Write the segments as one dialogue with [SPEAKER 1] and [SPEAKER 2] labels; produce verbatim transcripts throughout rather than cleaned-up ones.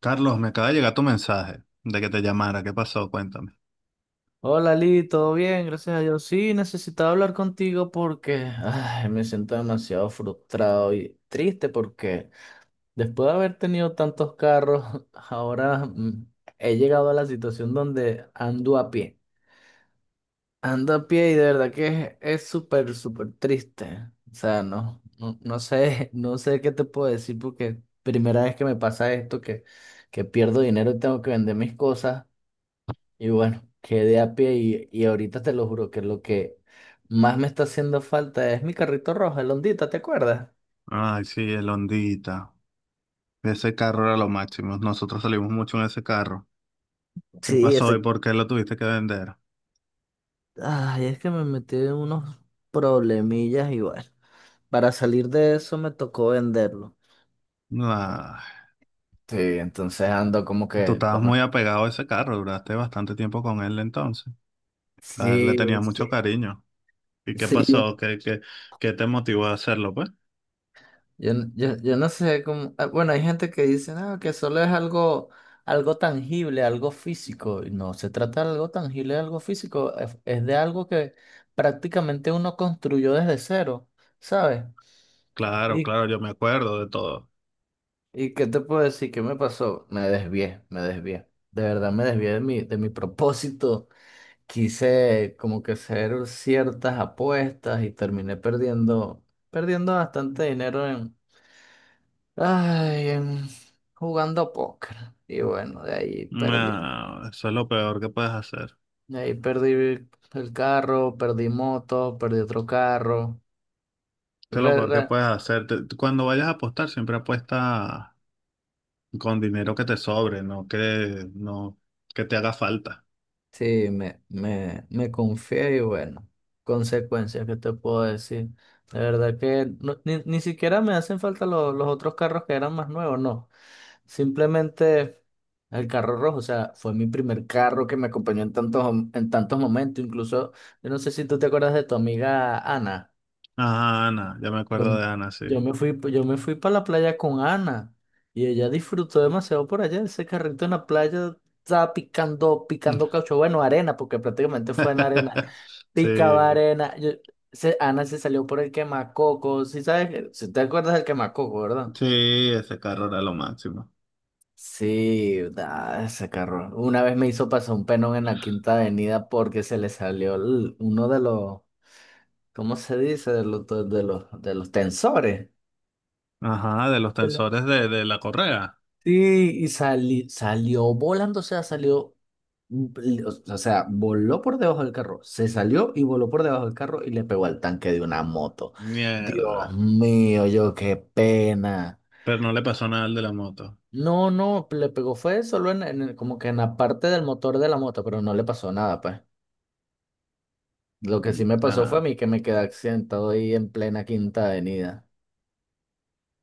[SPEAKER 1] Carlos, me acaba de llegar tu mensaje de que te llamara. ¿Qué pasó? Cuéntame.
[SPEAKER 2] Hola Lee, ¿todo bien? Gracias a Dios. Sí, necesitaba hablar contigo porque ay, me siento demasiado frustrado y triste porque después de haber tenido tantos carros, ahora mm, he llegado a la situación donde ando a pie. Ando a pie y de verdad que es es súper, súper triste. O sea, no, no, no sé, no sé qué te puedo decir porque primera vez que me pasa esto, que, que pierdo dinero y tengo que vender mis cosas. Y bueno, quedé a pie y, y ahorita te lo juro que lo que más me está haciendo falta es mi carrito rojo, el Hondita, ¿te acuerdas?
[SPEAKER 1] Ay, sí, el Hondita. Ese carro era lo máximo. Nosotros salimos mucho en ese carro. ¿Qué
[SPEAKER 2] Sí,
[SPEAKER 1] pasó y
[SPEAKER 2] ese...
[SPEAKER 1] por qué lo tuviste que vender?
[SPEAKER 2] Ay, es que me metí en unos problemillas y bueno, para salir de eso me tocó venderlo.
[SPEAKER 1] Ay,
[SPEAKER 2] Sí, entonces ando como
[SPEAKER 1] tú
[SPEAKER 2] que
[SPEAKER 1] estabas
[SPEAKER 2] con...
[SPEAKER 1] muy apegado a ese carro. Duraste bastante tiempo con él entonces. Ah, le
[SPEAKER 2] Sí,
[SPEAKER 1] tenías
[SPEAKER 2] sí.
[SPEAKER 1] mucho cariño. ¿Y qué
[SPEAKER 2] Sí,
[SPEAKER 1] pasó? ¿Qué, qué, qué te motivó a hacerlo, pues?
[SPEAKER 2] Yo, n- yo, yo no sé cómo. ah, Bueno, hay gente que dice, no, que solo es algo, algo tangible, algo físico. Y no, se trata de algo tangible, de algo físico. Es, es de algo que prácticamente uno construyó desde cero, ¿sabes?
[SPEAKER 1] Claro,
[SPEAKER 2] ¿Y,
[SPEAKER 1] claro, yo me acuerdo de todo.
[SPEAKER 2] y qué te puedo decir? ¿Qué me pasó? Me desvié, me desvié. De verdad me desvié de mi, de mi propósito. Quise como que hacer ciertas apuestas y terminé perdiendo, perdiendo bastante dinero. Ay, em, jugando póker. Y bueno, de ahí perdí.
[SPEAKER 1] No, eso es lo peor que puedes hacer.
[SPEAKER 2] De ahí perdí el carro, perdí moto, perdí otro carro.
[SPEAKER 1] Eso es lo
[SPEAKER 2] Re,
[SPEAKER 1] peor que
[SPEAKER 2] re-
[SPEAKER 1] puedes hacer. Te- tú cuando vayas a apostar, siempre apuesta con dinero que te sobre, no que, no que te haga falta.
[SPEAKER 2] Sí, me, me, me confié y bueno, consecuencias, ¿qué te puedo decir? De verdad que no- ni, ni siquiera me hacen falta lo- los otros carros que eran más nuevos, no. Simplemente el carro rojo, o sea, fue mi primer carro que me acompañó en tantos, en tantos momentos. Incluso, yo no sé si tú te acuerdas de tu amiga Ana.
[SPEAKER 1] Ajá, Ana, ya me
[SPEAKER 2] Yo,
[SPEAKER 1] acuerdo de Ana, sí.
[SPEAKER 2] yo me fui, yo me fui para la playa con Ana y ella disfrutó demasiado por allá. Ese carrito en la playa estaba picando, picando caucho, bueno, arena, porque prácticamente fue en arena. Picaba
[SPEAKER 1] Sí,
[SPEAKER 2] arena. Yo- se- Ana se salió por el quemacoco. Si sabes, si te acuerdas del quemacoco, ¿verdad?
[SPEAKER 1] sí, ese carro era lo máximo.
[SPEAKER 2] Sí, da, ese carro. Una vez me hizo pasar un penón en la Quinta Avenida porque se le salió el- uno de los, ¿cómo se dice? De los, de los, de los tensores.
[SPEAKER 1] Ajá, de los tensores de, de la correa.
[SPEAKER 2] Sí, y sali- salió volando, o sea, salió, mm, o sea, voló por debajo del carro, se salió y voló por debajo del carro y le pegó al tanque de una moto. Dios
[SPEAKER 1] Mierda.
[SPEAKER 2] mío, yo qué pena.
[SPEAKER 1] Pero no le pasó nada al de la moto.
[SPEAKER 2] No, no, le pegó fue solo en, en el- como que en la parte del motor de la moto, pero no le pasó nada, pues. Lo que sí
[SPEAKER 1] Mm,
[SPEAKER 2] me pasó fue a
[SPEAKER 1] nada.
[SPEAKER 2] mí que me quedé accidentado ahí en plena Quinta Avenida.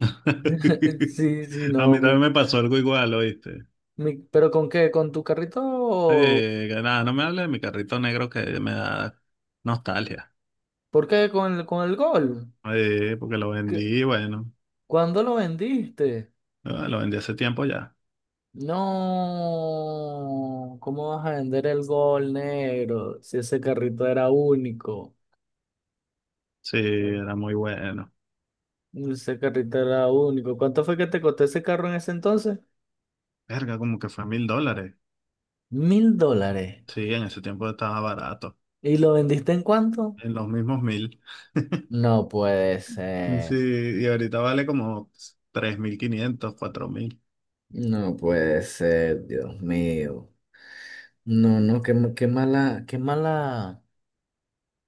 [SPEAKER 2] Sí, sí,
[SPEAKER 1] A
[SPEAKER 2] no,
[SPEAKER 1] mí también
[SPEAKER 2] mi,
[SPEAKER 1] me pasó algo igual, ¿oíste?
[SPEAKER 2] mi- pero ¿con qué? ¿Con tu carrito?
[SPEAKER 1] Eh, que nada, no me hables de mi carrito negro que me da nostalgia.
[SPEAKER 2] ¿Por qué? ¿Con el, con el gol?
[SPEAKER 1] Eh, porque lo vendí, bueno,
[SPEAKER 2] ¿Cuándo lo vendiste?
[SPEAKER 1] eh, lo vendí hace tiempo ya.
[SPEAKER 2] No, ¿cómo vas a vender el Gol negro si ese carrito era único?
[SPEAKER 1] Sí, era muy bueno.
[SPEAKER 2] Ese carrito era único. ¿Cuánto fue que te costó ese carro en ese entonces?
[SPEAKER 1] Verga, como que fue mil dólares.
[SPEAKER 2] Mil dólares.
[SPEAKER 1] Sí, en ese tiempo estaba barato.
[SPEAKER 2] ¿Y lo vendiste en cuánto?
[SPEAKER 1] En los mismos mil.
[SPEAKER 2] No puede
[SPEAKER 1] Sí,
[SPEAKER 2] ser.
[SPEAKER 1] y ahorita vale como tres mil quinientos, cuatro mil.
[SPEAKER 2] No puede ser, Dios mío. No, no, qué, ma- qué mala, qué mala,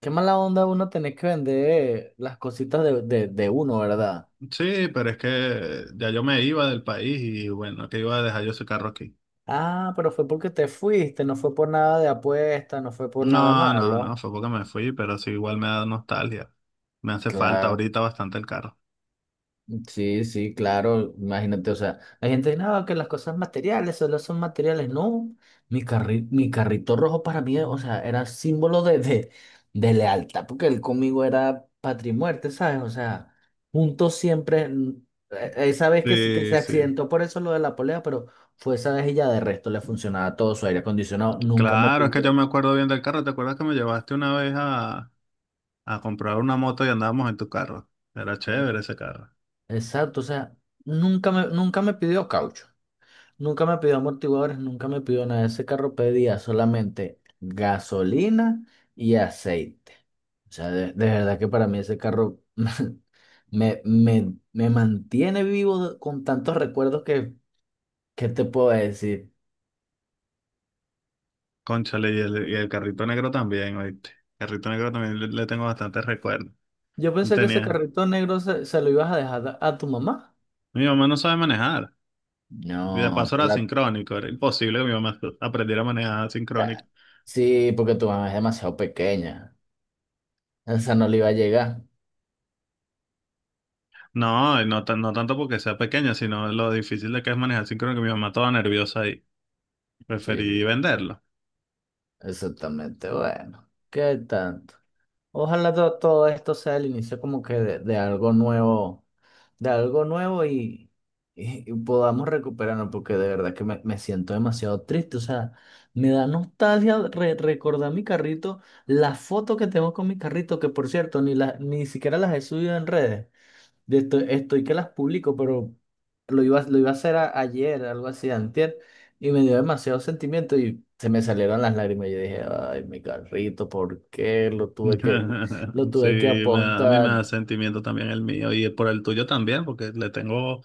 [SPEAKER 2] qué mala onda uno tener que vender las cositas de, de, de uno, ¿verdad?
[SPEAKER 1] Sí, pero es que ya yo me iba del país y bueno, que iba a dejar yo ese carro aquí.
[SPEAKER 2] Ah, pero fue porque te fuiste, no fue por nada de apuesta, no fue por nada
[SPEAKER 1] No, no, no,
[SPEAKER 2] malo.
[SPEAKER 1] fue porque me fui, pero sí, igual me da nostalgia. Me hace falta
[SPEAKER 2] Claro,
[SPEAKER 1] ahorita bastante el carro.
[SPEAKER 2] sí, sí, claro, imagínate, o sea, la gente, no, que las cosas materiales solo son materiales. No, mi carri- mi carrito rojo para mí, o sea, era símbolo de, de, de lealtad, porque él conmigo era patria y muerte, ¿sabes? O sea, juntos siempre, mm, e- esa vez que, se- que
[SPEAKER 1] Sí,
[SPEAKER 2] se
[SPEAKER 1] sí.
[SPEAKER 2] accidentó por eso lo de la polea, pero fue esa vez y ya de resto le funcionaba todo su aire acondicionado, nunca me
[SPEAKER 1] Claro, es que yo
[SPEAKER 2] pidió.
[SPEAKER 1] me acuerdo bien del carro. ¿Te acuerdas que me llevaste una vez a... a comprar una moto y andábamos en tu carro? Era chévere ese carro.
[SPEAKER 2] Exacto, o sea, nunca me, nunca me pidió caucho, nunca me pidió amortiguadores, nunca me pidió nada. Ese carro pedía solamente gasolina y aceite. O sea, de, de verdad que para mí ese carro me, me, me mantiene vivo con tantos recuerdos que, que te puedo decir.
[SPEAKER 1] Cónchale, y el, y el carrito negro también, ¿oíste? El carrito negro también le, le tengo bastantes recuerdos.
[SPEAKER 2] Yo pensé que ese
[SPEAKER 1] Tenía.
[SPEAKER 2] carrito negro se, se lo ibas a dejar a, a tu mamá.
[SPEAKER 1] Mi mamá no sabe manejar. Y de
[SPEAKER 2] No,
[SPEAKER 1] paso
[SPEAKER 2] pero
[SPEAKER 1] era
[SPEAKER 2] la-
[SPEAKER 1] sincrónico. Era imposible que mi mamá aprendiera a manejar sincrónico.
[SPEAKER 2] ah, sí, porque tu mamá es demasiado pequeña. Esa no le iba a llegar.
[SPEAKER 1] No, y no, tan- no tanto porque sea pequeña, sino lo difícil de que es manejar sincrónico. Mi mamá toda nerviosa ahí. Preferí
[SPEAKER 2] Sí.
[SPEAKER 1] venderlo.
[SPEAKER 2] Exactamente, bueno, ¿qué tanto? Ojalá to- todo, esto sea el inicio como que de, de algo nuevo, de algo nuevo y, y- y podamos recuperarnos, porque de verdad que me, me siento demasiado triste, o sea, me da nostalgia re- recordar mi carrito, las fotos que tengo con mi carrito, que por cierto, ni, la, ni siquiera las he subido en redes de esto estoy que las publico, pero lo iba, lo iba a hacer a- ayer, algo así, antier, y me dio demasiado sentimiento y se me salieron las lágrimas. Yo dije, ay, mi carrito, ¿por qué lo tuve que, lo
[SPEAKER 1] Sí,
[SPEAKER 2] tuve que
[SPEAKER 1] me da- a mí me da
[SPEAKER 2] apostar?
[SPEAKER 1] sentimiento también el mío y por el tuyo también, porque le tengo,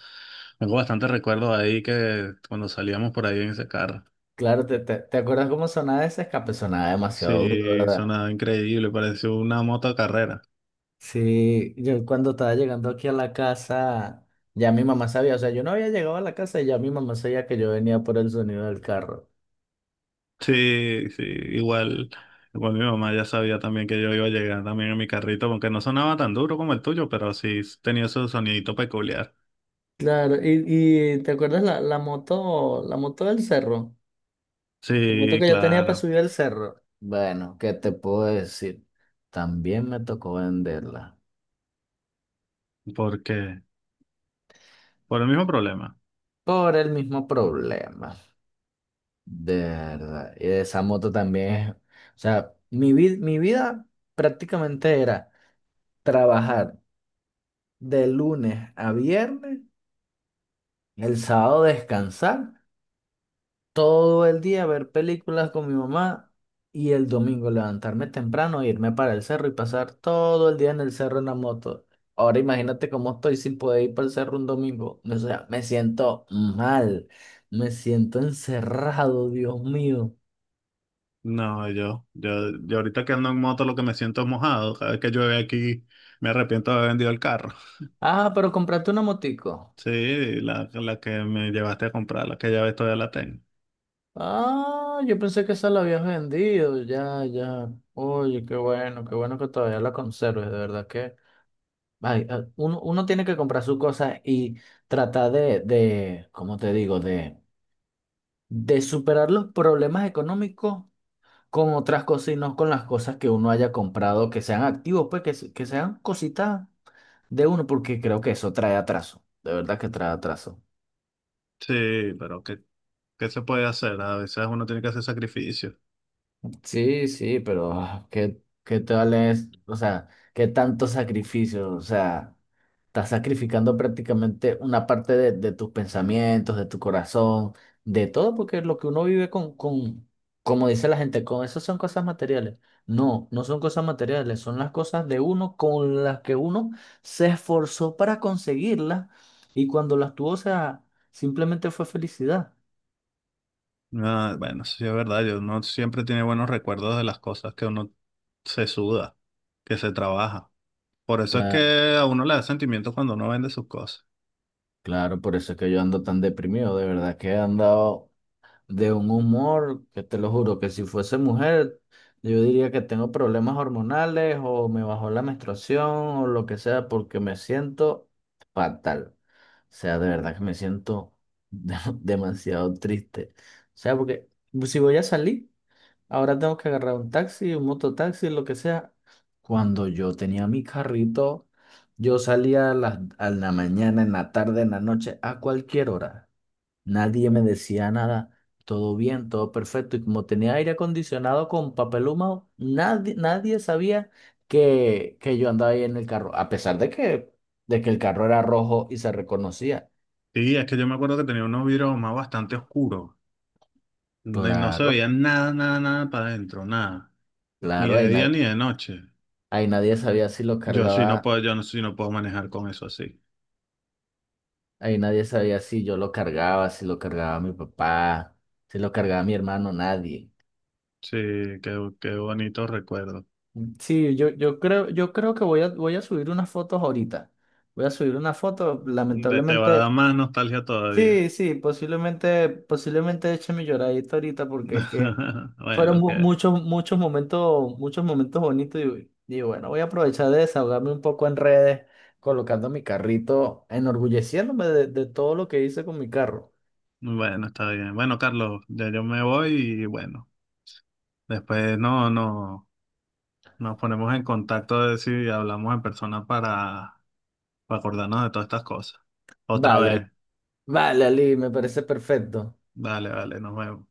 [SPEAKER 1] tengo bastantes recuerdos ahí que cuando salíamos por ahí en ese carro.
[SPEAKER 2] Claro, ¿te, te, te acuerdas cómo sonaba ese escape? Sonaba demasiado duro,
[SPEAKER 1] Sí,
[SPEAKER 2] ¿verdad?
[SPEAKER 1] sonaba increíble, pareció una moto carrera.
[SPEAKER 2] Sí, yo cuando estaba llegando aquí a la casa, ya mi mamá sabía, o sea, yo no había llegado a la casa y ya mi mamá sabía que yo venía por el sonido del carro.
[SPEAKER 1] Sí, sí, igual, igual mi mamá ya sabía también que yo iba a llegar también en mi carrito, aunque no sonaba tan duro como el tuyo, pero sí tenía su sonidito peculiar.
[SPEAKER 2] Claro, y, y ¿te acuerdas la, la moto, la moto del cerro? La moto
[SPEAKER 1] Sí,
[SPEAKER 2] que yo tenía para
[SPEAKER 1] claro,
[SPEAKER 2] subir el cerro. Bueno, ¿qué te puedo decir? También me tocó venderla
[SPEAKER 1] porque por el mismo problema.
[SPEAKER 2] por el mismo problema, de verdad. Y esa moto también es, o sea, mi vid- mi vida prácticamente era trabajar de lunes a viernes, el sábado descansar todo el día ver películas con mi mamá y el domingo levantarme temprano, irme para el cerro y pasar todo el día en el cerro en la moto. Ahora imagínate cómo estoy sin poder ir para el cerro un domingo. O sea, me siento mal, me siento encerrado, Dios mío.
[SPEAKER 1] No, yo, yo, yo ahorita que ando en moto lo que me siento es mojado. Cada vez que llueve aquí me arrepiento de haber vendido el carro.
[SPEAKER 2] Ah, pero compraste una motico.
[SPEAKER 1] Sí, la, la que me llevaste a comprar, la que ya ves todavía la tengo.
[SPEAKER 2] Ah, yo pensé que esa la habías vendido, ya, ya. Oye, qué bueno, qué bueno que todavía la conserves, de verdad que... Ay, ah, uno, uno tiene que comprar sus cosas y tratar de, de, ¿cómo te digo? De, de superar los problemas económicos con otras cosas y no con las cosas que uno haya comprado, que sean activos, pues que, se- que sean cositas de uno, porque creo que eso trae atraso. De verdad que trae atraso.
[SPEAKER 1] Sí, pero ¿qué, qué se puede hacer? A veces uno tiene que hacer sacrificios.
[SPEAKER 2] Sí, sí, pero ah, ¿qué, qué tal es? O sea, ¿qué tanto sacrificio? O sea, estás sacrificando prácticamente una parte de, de tus pensamientos, de tu corazón, de todo, porque lo que uno vive con, con, como dice la gente, con eso son cosas materiales. No, no son cosas materiales, son las cosas de uno con las que uno se esforzó para conseguirlas y cuando las tuvo, o sea, simplemente fue felicidad.
[SPEAKER 1] Ah, bueno, sí es verdad, yo no siempre tiene buenos recuerdos de las cosas que uno se suda, que se trabaja. Por eso es que a uno le da sentimiento cuando uno vende sus cosas.
[SPEAKER 2] Claro, por eso es que yo ando tan deprimido, de verdad que he andado de un humor que te lo juro que si fuese mujer, yo diría que tengo problemas hormonales o me bajó la menstruación o lo que sea porque me siento fatal. O sea, de verdad que me siento de- demasiado triste. O sea, porque si voy a salir... Ahora tengo que agarrar un taxi, un mototaxi, lo que sea. Cuando yo tenía mi carrito, yo salía a la, a la mañana, en la tarde, en la noche, a cualquier hora. Nadie me decía nada. Todo bien, todo perfecto. Y como tenía aire acondicionado con papel húmedo, nadie, nadie sabía que, que yo andaba ahí en el carro, a pesar de que, de que el carro era rojo y se reconocía.
[SPEAKER 1] Sí, es que yo me acuerdo que tenía unos vidrios más bastante oscuros. No, y no se
[SPEAKER 2] Claro,
[SPEAKER 1] veía nada, nada, nada para adentro, nada. Ni
[SPEAKER 2] claro, ahí,
[SPEAKER 1] de día
[SPEAKER 2] na-
[SPEAKER 1] ni de noche.
[SPEAKER 2] ahí nadie sabía si lo
[SPEAKER 1] Yo sí no
[SPEAKER 2] cargaba.
[SPEAKER 1] puedo, yo no, sí no puedo manejar con eso así.
[SPEAKER 2] Ahí nadie sabía si yo lo cargaba, si lo cargaba mi papá, si lo cargaba mi hermano, nadie.
[SPEAKER 1] Sí, qué, qué bonito recuerdo.
[SPEAKER 2] Sí, yo, yo creo, yo creo que voy a, voy a subir unas fotos ahorita. Voy a subir una foto,
[SPEAKER 1] Te, te va a dar
[SPEAKER 2] lamentablemente.
[SPEAKER 1] más nostalgia todavía.
[SPEAKER 2] Sí, sí, posiblemente, posiblemente eche mi lloradita ahorita porque es que fueron
[SPEAKER 1] Bueno,
[SPEAKER 2] mu-
[SPEAKER 1] que,
[SPEAKER 2] muchos, muchos momentos, muchos momentos bonitos y, y bueno, voy a aprovechar de desahogarme un poco en redes, colocando mi carrito, enorgulleciéndome de de todo lo que hice con mi carro.
[SPEAKER 1] bueno, está bien. Bueno, Carlos, ya yo me voy y bueno, después no, no, nos ponemos en contacto a ver si hablamos en persona para, para acordarnos de todas estas cosas. Otra
[SPEAKER 2] Vale.
[SPEAKER 1] vez.
[SPEAKER 2] Vale, Ali, me parece perfecto.
[SPEAKER 1] Vale, vale, nos vemos.